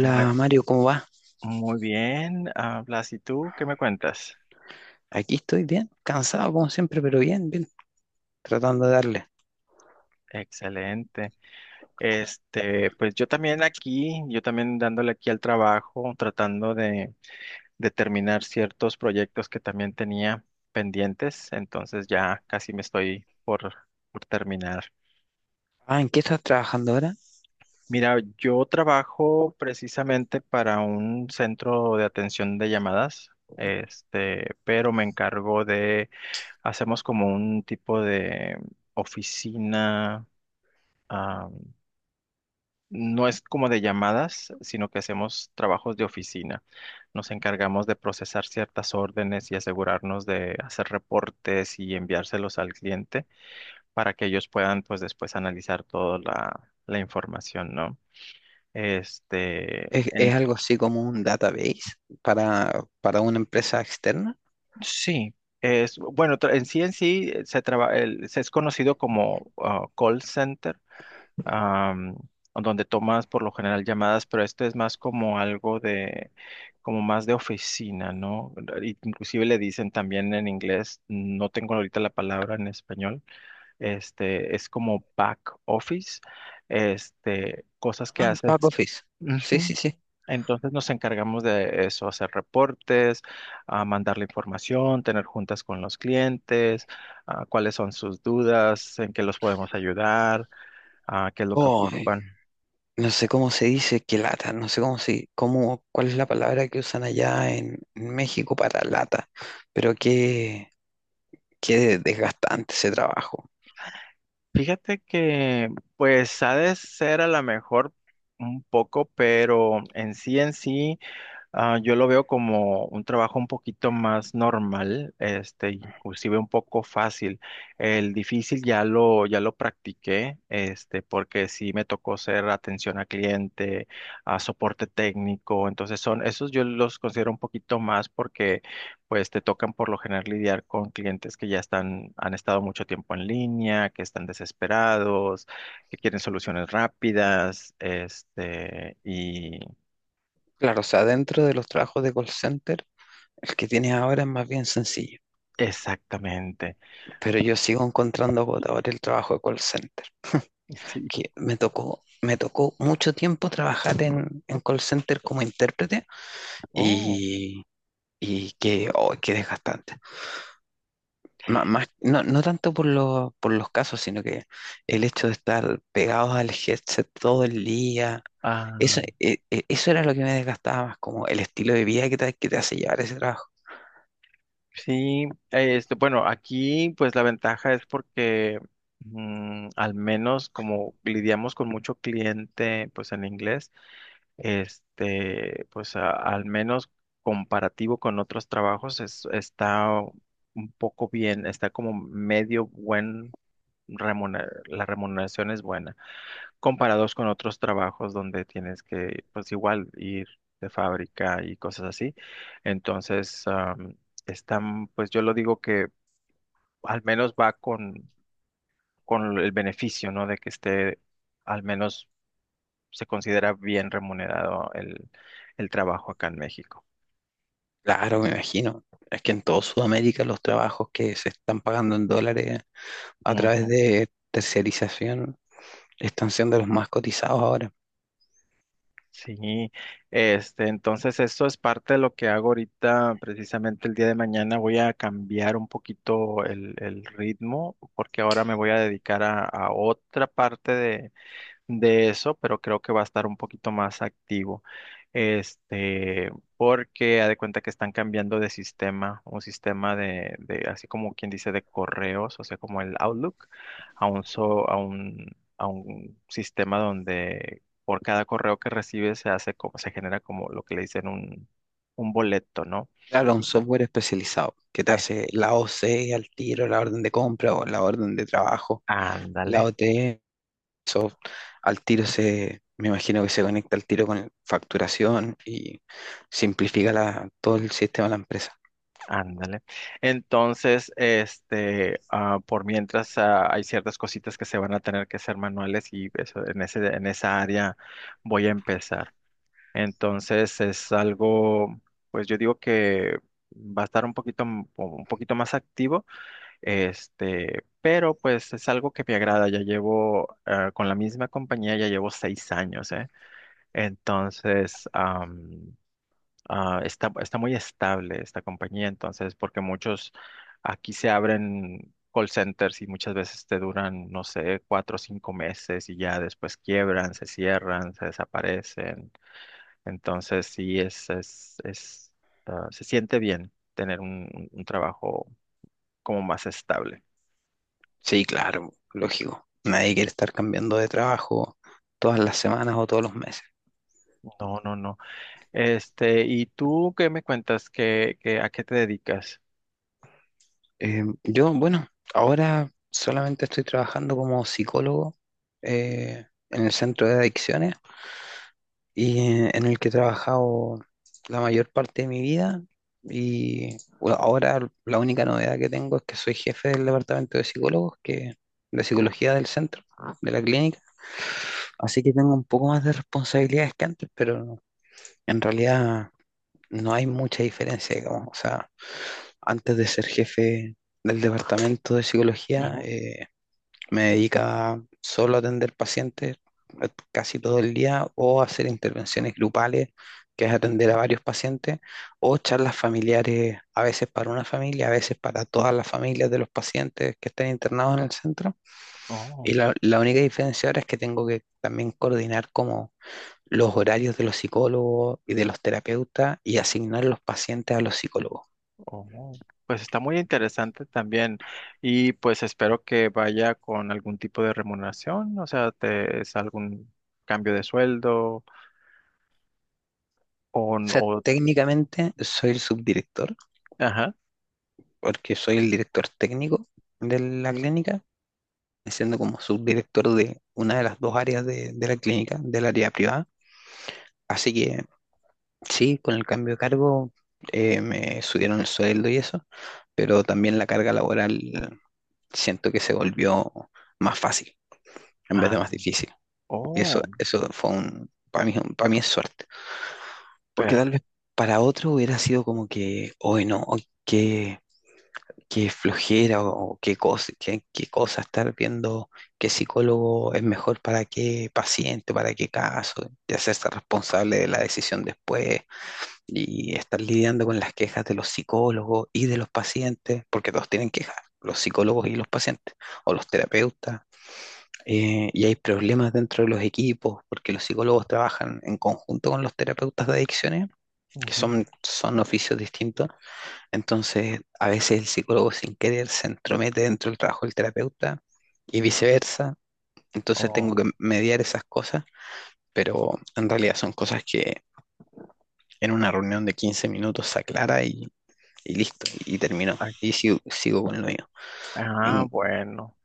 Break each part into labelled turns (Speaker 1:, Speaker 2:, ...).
Speaker 1: Muy,
Speaker 2: Mario, ¿cómo va?
Speaker 1: muy bien, Blas, ¿y tú qué me cuentas?
Speaker 2: Aquí estoy bien, cansado como siempre, pero bien, tratando de darle.
Speaker 1: Excelente. Este, pues yo también aquí, yo también dándole aquí al trabajo, tratando de terminar ciertos proyectos que también tenía pendientes, entonces ya casi me estoy por terminar.
Speaker 2: Ah, ¿en qué estás trabajando ahora?
Speaker 1: Mira, yo trabajo precisamente para un centro de atención de llamadas, este, pero me encargo de. Hacemos como un tipo de oficina, ah, no es como de llamadas, sino que hacemos trabajos de oficina. Nos encargamos de procesar ciertas órdenes y asegurarnos de hacer reportes y enviárselos al cliente para que ellos puedan, pues, después analizar toda la información, ¿no? Este,
Speaker 2: ¿Es, es algo así como un database para una empresa externa?
Speaker 1: sí. Es, bueno, en sí en sí, se es conocido como call center, am, donde tomas por lo general llamadas, pero esto es más como algo de, como más de oficina, ¿no? Inclusive le dicen también en inglés, no tengo ahorita la palabra en español, este, es como back office, este, cosas que
Speaker 2: Ah, en back
Speaker 1: haces.
Speaker 2: office. Sí,
Speaker 1: Ujú.
Speaker 2: sí, sí.
Speaker 1: Entonces nos encargamos de eso, hacer reportes, a mandar la información, tener juntas con los clientes, cuáles son sus dudas, en qué los podemos ayudar, qué es lo que
Speaker 2: Oh,
Speaker 1: ocupan.
Speaker 2: no sé cómo se dice que lata, no sé cómo se, cómo, cuál es la palabra que usan allá en México para lata, pero qué, qué desgastante ese trabajo.
Speaker 1: Fíjate que pues ha de ser a lo mejor un poco, pero en sí en sí. Ah, yo lo veo como un trabajo un poquito más normal, este, inclusive un poco fácil. El difícil ya lo practiqué, este, porque sí me tocó ser atención a cliente, a soporte técnico. Entonces son, esos yo los considero un poquito más porque pues te tocan por lo general lidiar con clientes que ya están, han estado mucho tiempo en línea, que están desesperados, que quieren soluciones rápidas, este, y.
Speaker 2: Claro, o sea, dentro de los trabajos de call center, el que tienes ahora es más bien sencillo.
Speaker 1: Exactamente.
Speaker 2: Pero yo sigo encontrando agotador el trabajo de call center,
Speaker 1: Sí.
Speaker 2: que me tocó mucho tiempo trabajar en call center como intérprete
Speaker 1: Oh.
Speaker 2: y, y que, oh, que desgastante. Má- más, no, no tanto por, lo- por los casos, sino que el hecho de estar pegados al headset todo el día,
Speaker 1: Ah,
Speaker 2: eso, eso era lo que me desgastaba más, como el estilo de vida que te hace llevar ese trabajo.
Speaker 1: sí. Este, bueno, aquí pues la ventaja es porque al menos como lidiamos con mucho cliente pues en inglés, este, pues al menos comparativo con otros trabajos es, está un poco bien, está como medio buen la remuneración es buena. Comparados con otros trabajos donde tienes que, pues igual, ir de fábrica y cosas así. Entonces, están, pues yo lo digo que al menos va con el beneficio, ¿no? De que esté, al menos se considera bien remunerado el trabajo acá en México.
Speaker 2: Claro, me imagino. Es que en toda Sudamérica los trabajos que se están pagando en dólares a través de terciarización están siendo los más cotizados ahora.
Speaker 1: Sí, este, entonces eso es parte de lo que hago ahorita, precisamente el día de mañana voy a cambiar un poquito el ritmo porque ahora me voy a dedicar a otra parte de eso, pero creo que va a estar un poquito más activo. Este, porque ha de cuenta que están cambiando de sistema, un sistema de, así como quien dice, de correos, o sea, como el Outlook, a un, so- a un sistema donde por cada correo que recibes se hace como, se genera como lo que le dicen un boleto, ¿no?
Speaker 2: Claro, un
Speaker 1: Y,
Speaker 2: software especializado que te
Speaker 1: ay,
Speaker 2: hace la OC al tiro, la orden de compra o la orden de trabajo, la
Speaker 1: ándale.
Speaker 2: OT, eso al tiro se, me imagino que se conecta al tiro con facturación y simplifica todo el sistema de la empresa.
Speaker 1: Ándale. Entonces, este, por mientras, hay ciertas cositas que se van a tener que hacer manuales y eso, en ese, en esa área voy a empezar. Entonces, es algo, pues yo digo que va a estar un poquito, un poquito más activo, este, pero pues es algo que me agrada. Ya llevo, con la misma compañía, ya llevo 6 años, ¿eh? Entonces, está muy estable esta compañía, entonces, porque muchos aquí se abren call centers y muchas veces te duran, no sé, 4 o 5 meses y ya después quiebran, se cierran, se desaparecen. Entonces, sí, es, se siente bien tener un trabajo como más estable.
Speaker 2: Sí, claro, lógico. Nadie quiere estar cambiando de trabajo todas las semanas o todos los meses.
Speaker 1: No, no, no. Este, ¿y tú qué me cuentas? ¿A qué te dedicas?
Speaker 2: Yo, bueno, ahora solamente estoy trabajando como psicólogo en el centro de adicciones y en el que he trabajado la mayor parte de mi vida. Y bueno, ahora la única novedad que tengo es que soy jefe del departamento de psicólogos, que, de psicología del centro, de la clínica. Así que tengo un poco más de responsabilidades que antes, pero en realidad no hay mucha diferencia, digamos. O sea, antes de ser jefe del departamento de psicología,
Speaker 1: Ujú.
Speaker 2: me dedica solo a atender pacientes casi todo el día o a hacer intervenciones grupales, que es atender a varios pacientes, o charlas familiares, a veces para una familia, a veces para todas las familias de los pacientes que están internados en el centro.
Speaker 1: Oh.
Speaker 2: Y la única diferencia ahora es que tengo que también coordinar como los horarios de los psicólogos y de los terapeutas y asignar los pacientes a los psicólogos.
Speaker 1: Oh, pues está muy interesante también y pues espero que vaya con algún tipo de remuneración, o sea, es algún cambio de sueldo o,
Speaker 2: O
Speaker 1: n-
Speaker 2: sea,
Speaker 1: o
Speaker 2: técnicamente soy el subdirector,
Speaker 1: Ajá,
Speaker 2: porque soy el director técnico de la clínica siendo como subdirector de una de las dos áreas de la clínica, del área privada. Así que sí, con el cambio de cargo me subieron el sueldo y eso, pero también la carga laboral siento que se volvió más fácil en vez
Speaker 1: ah,
Speaker 2: de más difícil. Y eso,
Speaker 1: oh,
Speaker 2: eso fue un, para mí es suerte, porque
Speaker 1: per,
Speaker 2: tal vez para otro hubiera sido como que, hoy no, hoy qué, qué flojera o qué cosa, qué, qué cosa estar viendo qué psicólogo es mejor para qué paciente, para qué caso, y hacerse responsable de la decisión después y estar lidiando con las quejas de los psicólogos y de los pacientes, porque todos tienen quejas, los psicólogos
Speaker 1: ujú,
Speaker 2: y los pacientes, o los terapeutas. Y hay problemas dentro de los equipos, porque los psicólogos trabajan en conjunto con los terapeutas de adicciones, que
Speaker 1: ujú,
Speaker 2: son, son oficios distintos entonces, a veces el psicólogo sin querer se entromete dentro del trabajo del terapeuta y viceversa. Entonces tengo
Speaker 1: oh.
Speaker 2: que mediar esas cosas, pero en realidad son cosas que en una reunión de 15 minutos se aclara y listo, y terminó. Y sigo con lo mío.
Speaker 1: Ah, bueno.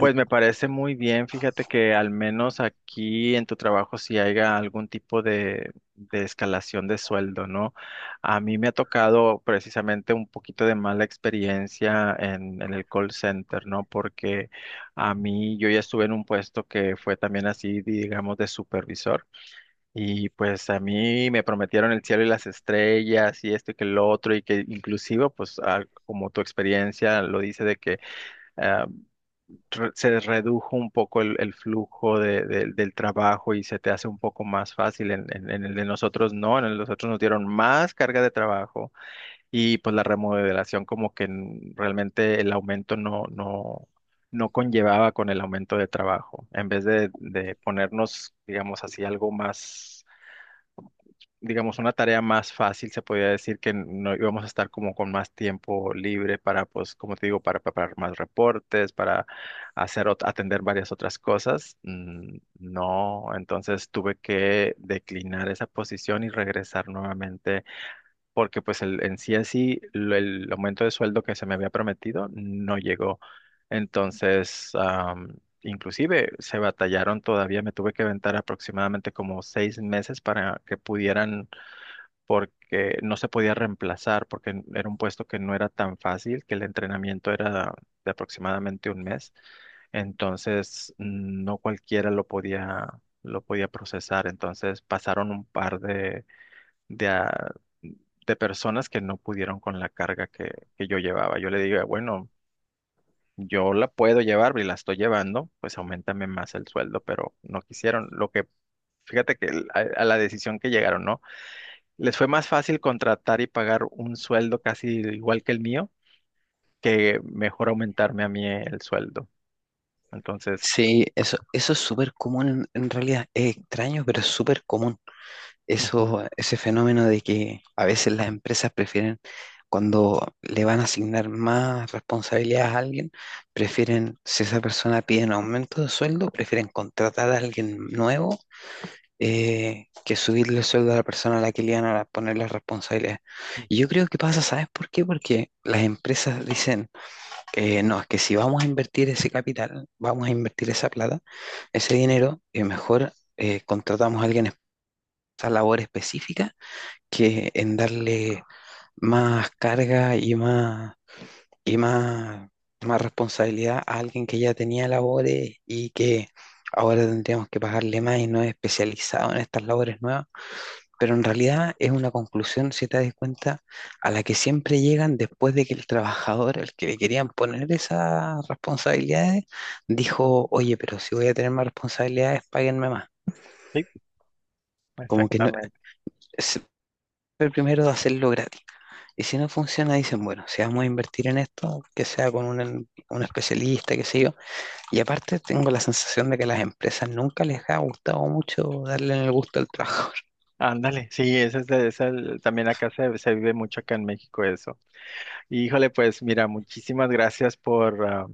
Speaker 2: en-
Speaker 1: me parece muy bien. Fíjate que al menos aquí en tu trabajo si haya algún tipo de escalación de sueldo, ¿no? A mí me ha tocado precisamente un poquito de mala experiencia en el call center, ¿no? Porque a mí yo ya estuve en un puesto que fue también así, digamos, de supervisor. Y pues a mí me prometieron el cielo y las estrellas y esto y que lo otro y que inclusive, pues como tu experiencia lo dice de que. Ah, re- se redujo un poco el flujo del trabajo y se te hace un poco más fácil. En el de nosotros no, en el de nosotros nos dieron más carga de trabajo y pues la remodelación como que realmente el aumento no, no, no conllevaba con el aumento de trabajo. En vez de ponernos, digamos así, algo más digamos, una tarea más fácil, se podría decir que no íbamos a estar como con más tiempo libre para, pues, como te digo, para preparar más reportes, para hacer, atender varias otras cosas. Mm, no, entonces tuve que declinar esa posición y regresar nuevamente, porque pues en sí así el aumento de sueldo que se me había prometido no llegó. Entonces, inclusive se batallaron todavía, me tuve que aventar aproximadamente como 6 meses para que pudieran porque no se podía reemplazar, porque era un puesto que no era tan fácil, que el entrenamiento era de aproximadamente 1 mes, entonces no cualquiera lo podía, procesar, entonces pasaron un par de, ah, de personas que no pudieron con la carga que yo llevaba. Yo le digo, bueno, yo la puedo llevar y la estoy llevando, pues aumentame más el sueldo, pero no quisieron, fíjate que a la decisión que llegaron, ¿no? Les fue más fácil contratar y pagar un sueldo casi igual que el mío que mejor aumentarme a mí el sueldo. Entonces.
Speaker 2: sí, eso es súper común en realidad. Es extraño, pero es súper común.
Speaker 1: Ujú.
Speaker 2: Eso, ese fenómeno de que a veces las empresas prefieren, cuando le van a asignar más responsabilidades a alguien, prefieren, si esa persona pide un aumento de sueldo, prefieren contratar a alguien nuevo que subirle el sueldo a la persona a la que le iban a poner las responsabilidades. Y yo creo que pasa, ¿sabes por qué? Porque las empresas dicen, no, es que si vamos a invertir ese capital, vamos a invertir esa plata, ese dinero, mejor contratamos a alguien esa labor específica que en darle más carga y más responsabilidad a alguien que ya tenía labores y que ahora tendríamos que pagarle más y no es especializado en estas labores nuevas. Pero en realidad es una conclusión, si te das cuenta, a la que siempre llegan después de que el trabajador, el que le querían poner esas responsabilidades, dijo, oye, pero si voy a tener más responsabilidades, páguenme más.
Speaker 1: Sí,
Speaker 2: Como que no,
Speaker 1: exactamente.
Speaker 2: es el primero de hacerlo gratis. Y si no funciona, dicen, bueno, si vamos a invertir en esto, que sea con un especialista, qué sé yo. Y aparte tengo la sensación de que a las empresas nunca les ha gustado mucho darle el gusto al trabajador.
Speaker 1: Ándale, sí, ese es, es también acá se vive mucho acá en México eso. Y, híjole, pues mira, muchísimas gracias por ah,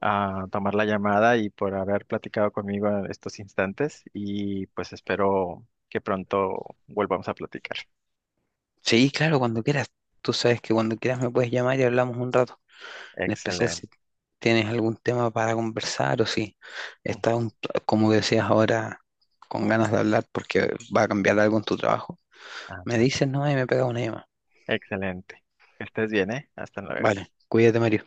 Speaker 1: ah, tomar la llamada y por haber platicado conmigo en estos instantes y pues espero que pronto volvamos a platicar.
Speaker 2: Sí, claro, cuando quieras. Tú sabes que cuando quieras me puedes llamar y hablamos un rato. En especial
Speaker 1: Excelente.
Speaker 2: si tienes algún tema para conversar o si estás, un- como decías ahora, con ganas de hablar porque va a cambiar algo en tu trabajo. Me
Speaker 1: Ándale.
Speaker 2: dices, no, y me pega una llamada.
Speaker 1: Excelente. Que estés bien, ¿eh? Hasta luego.
Speaker 2: Vale, cuídate, Mario.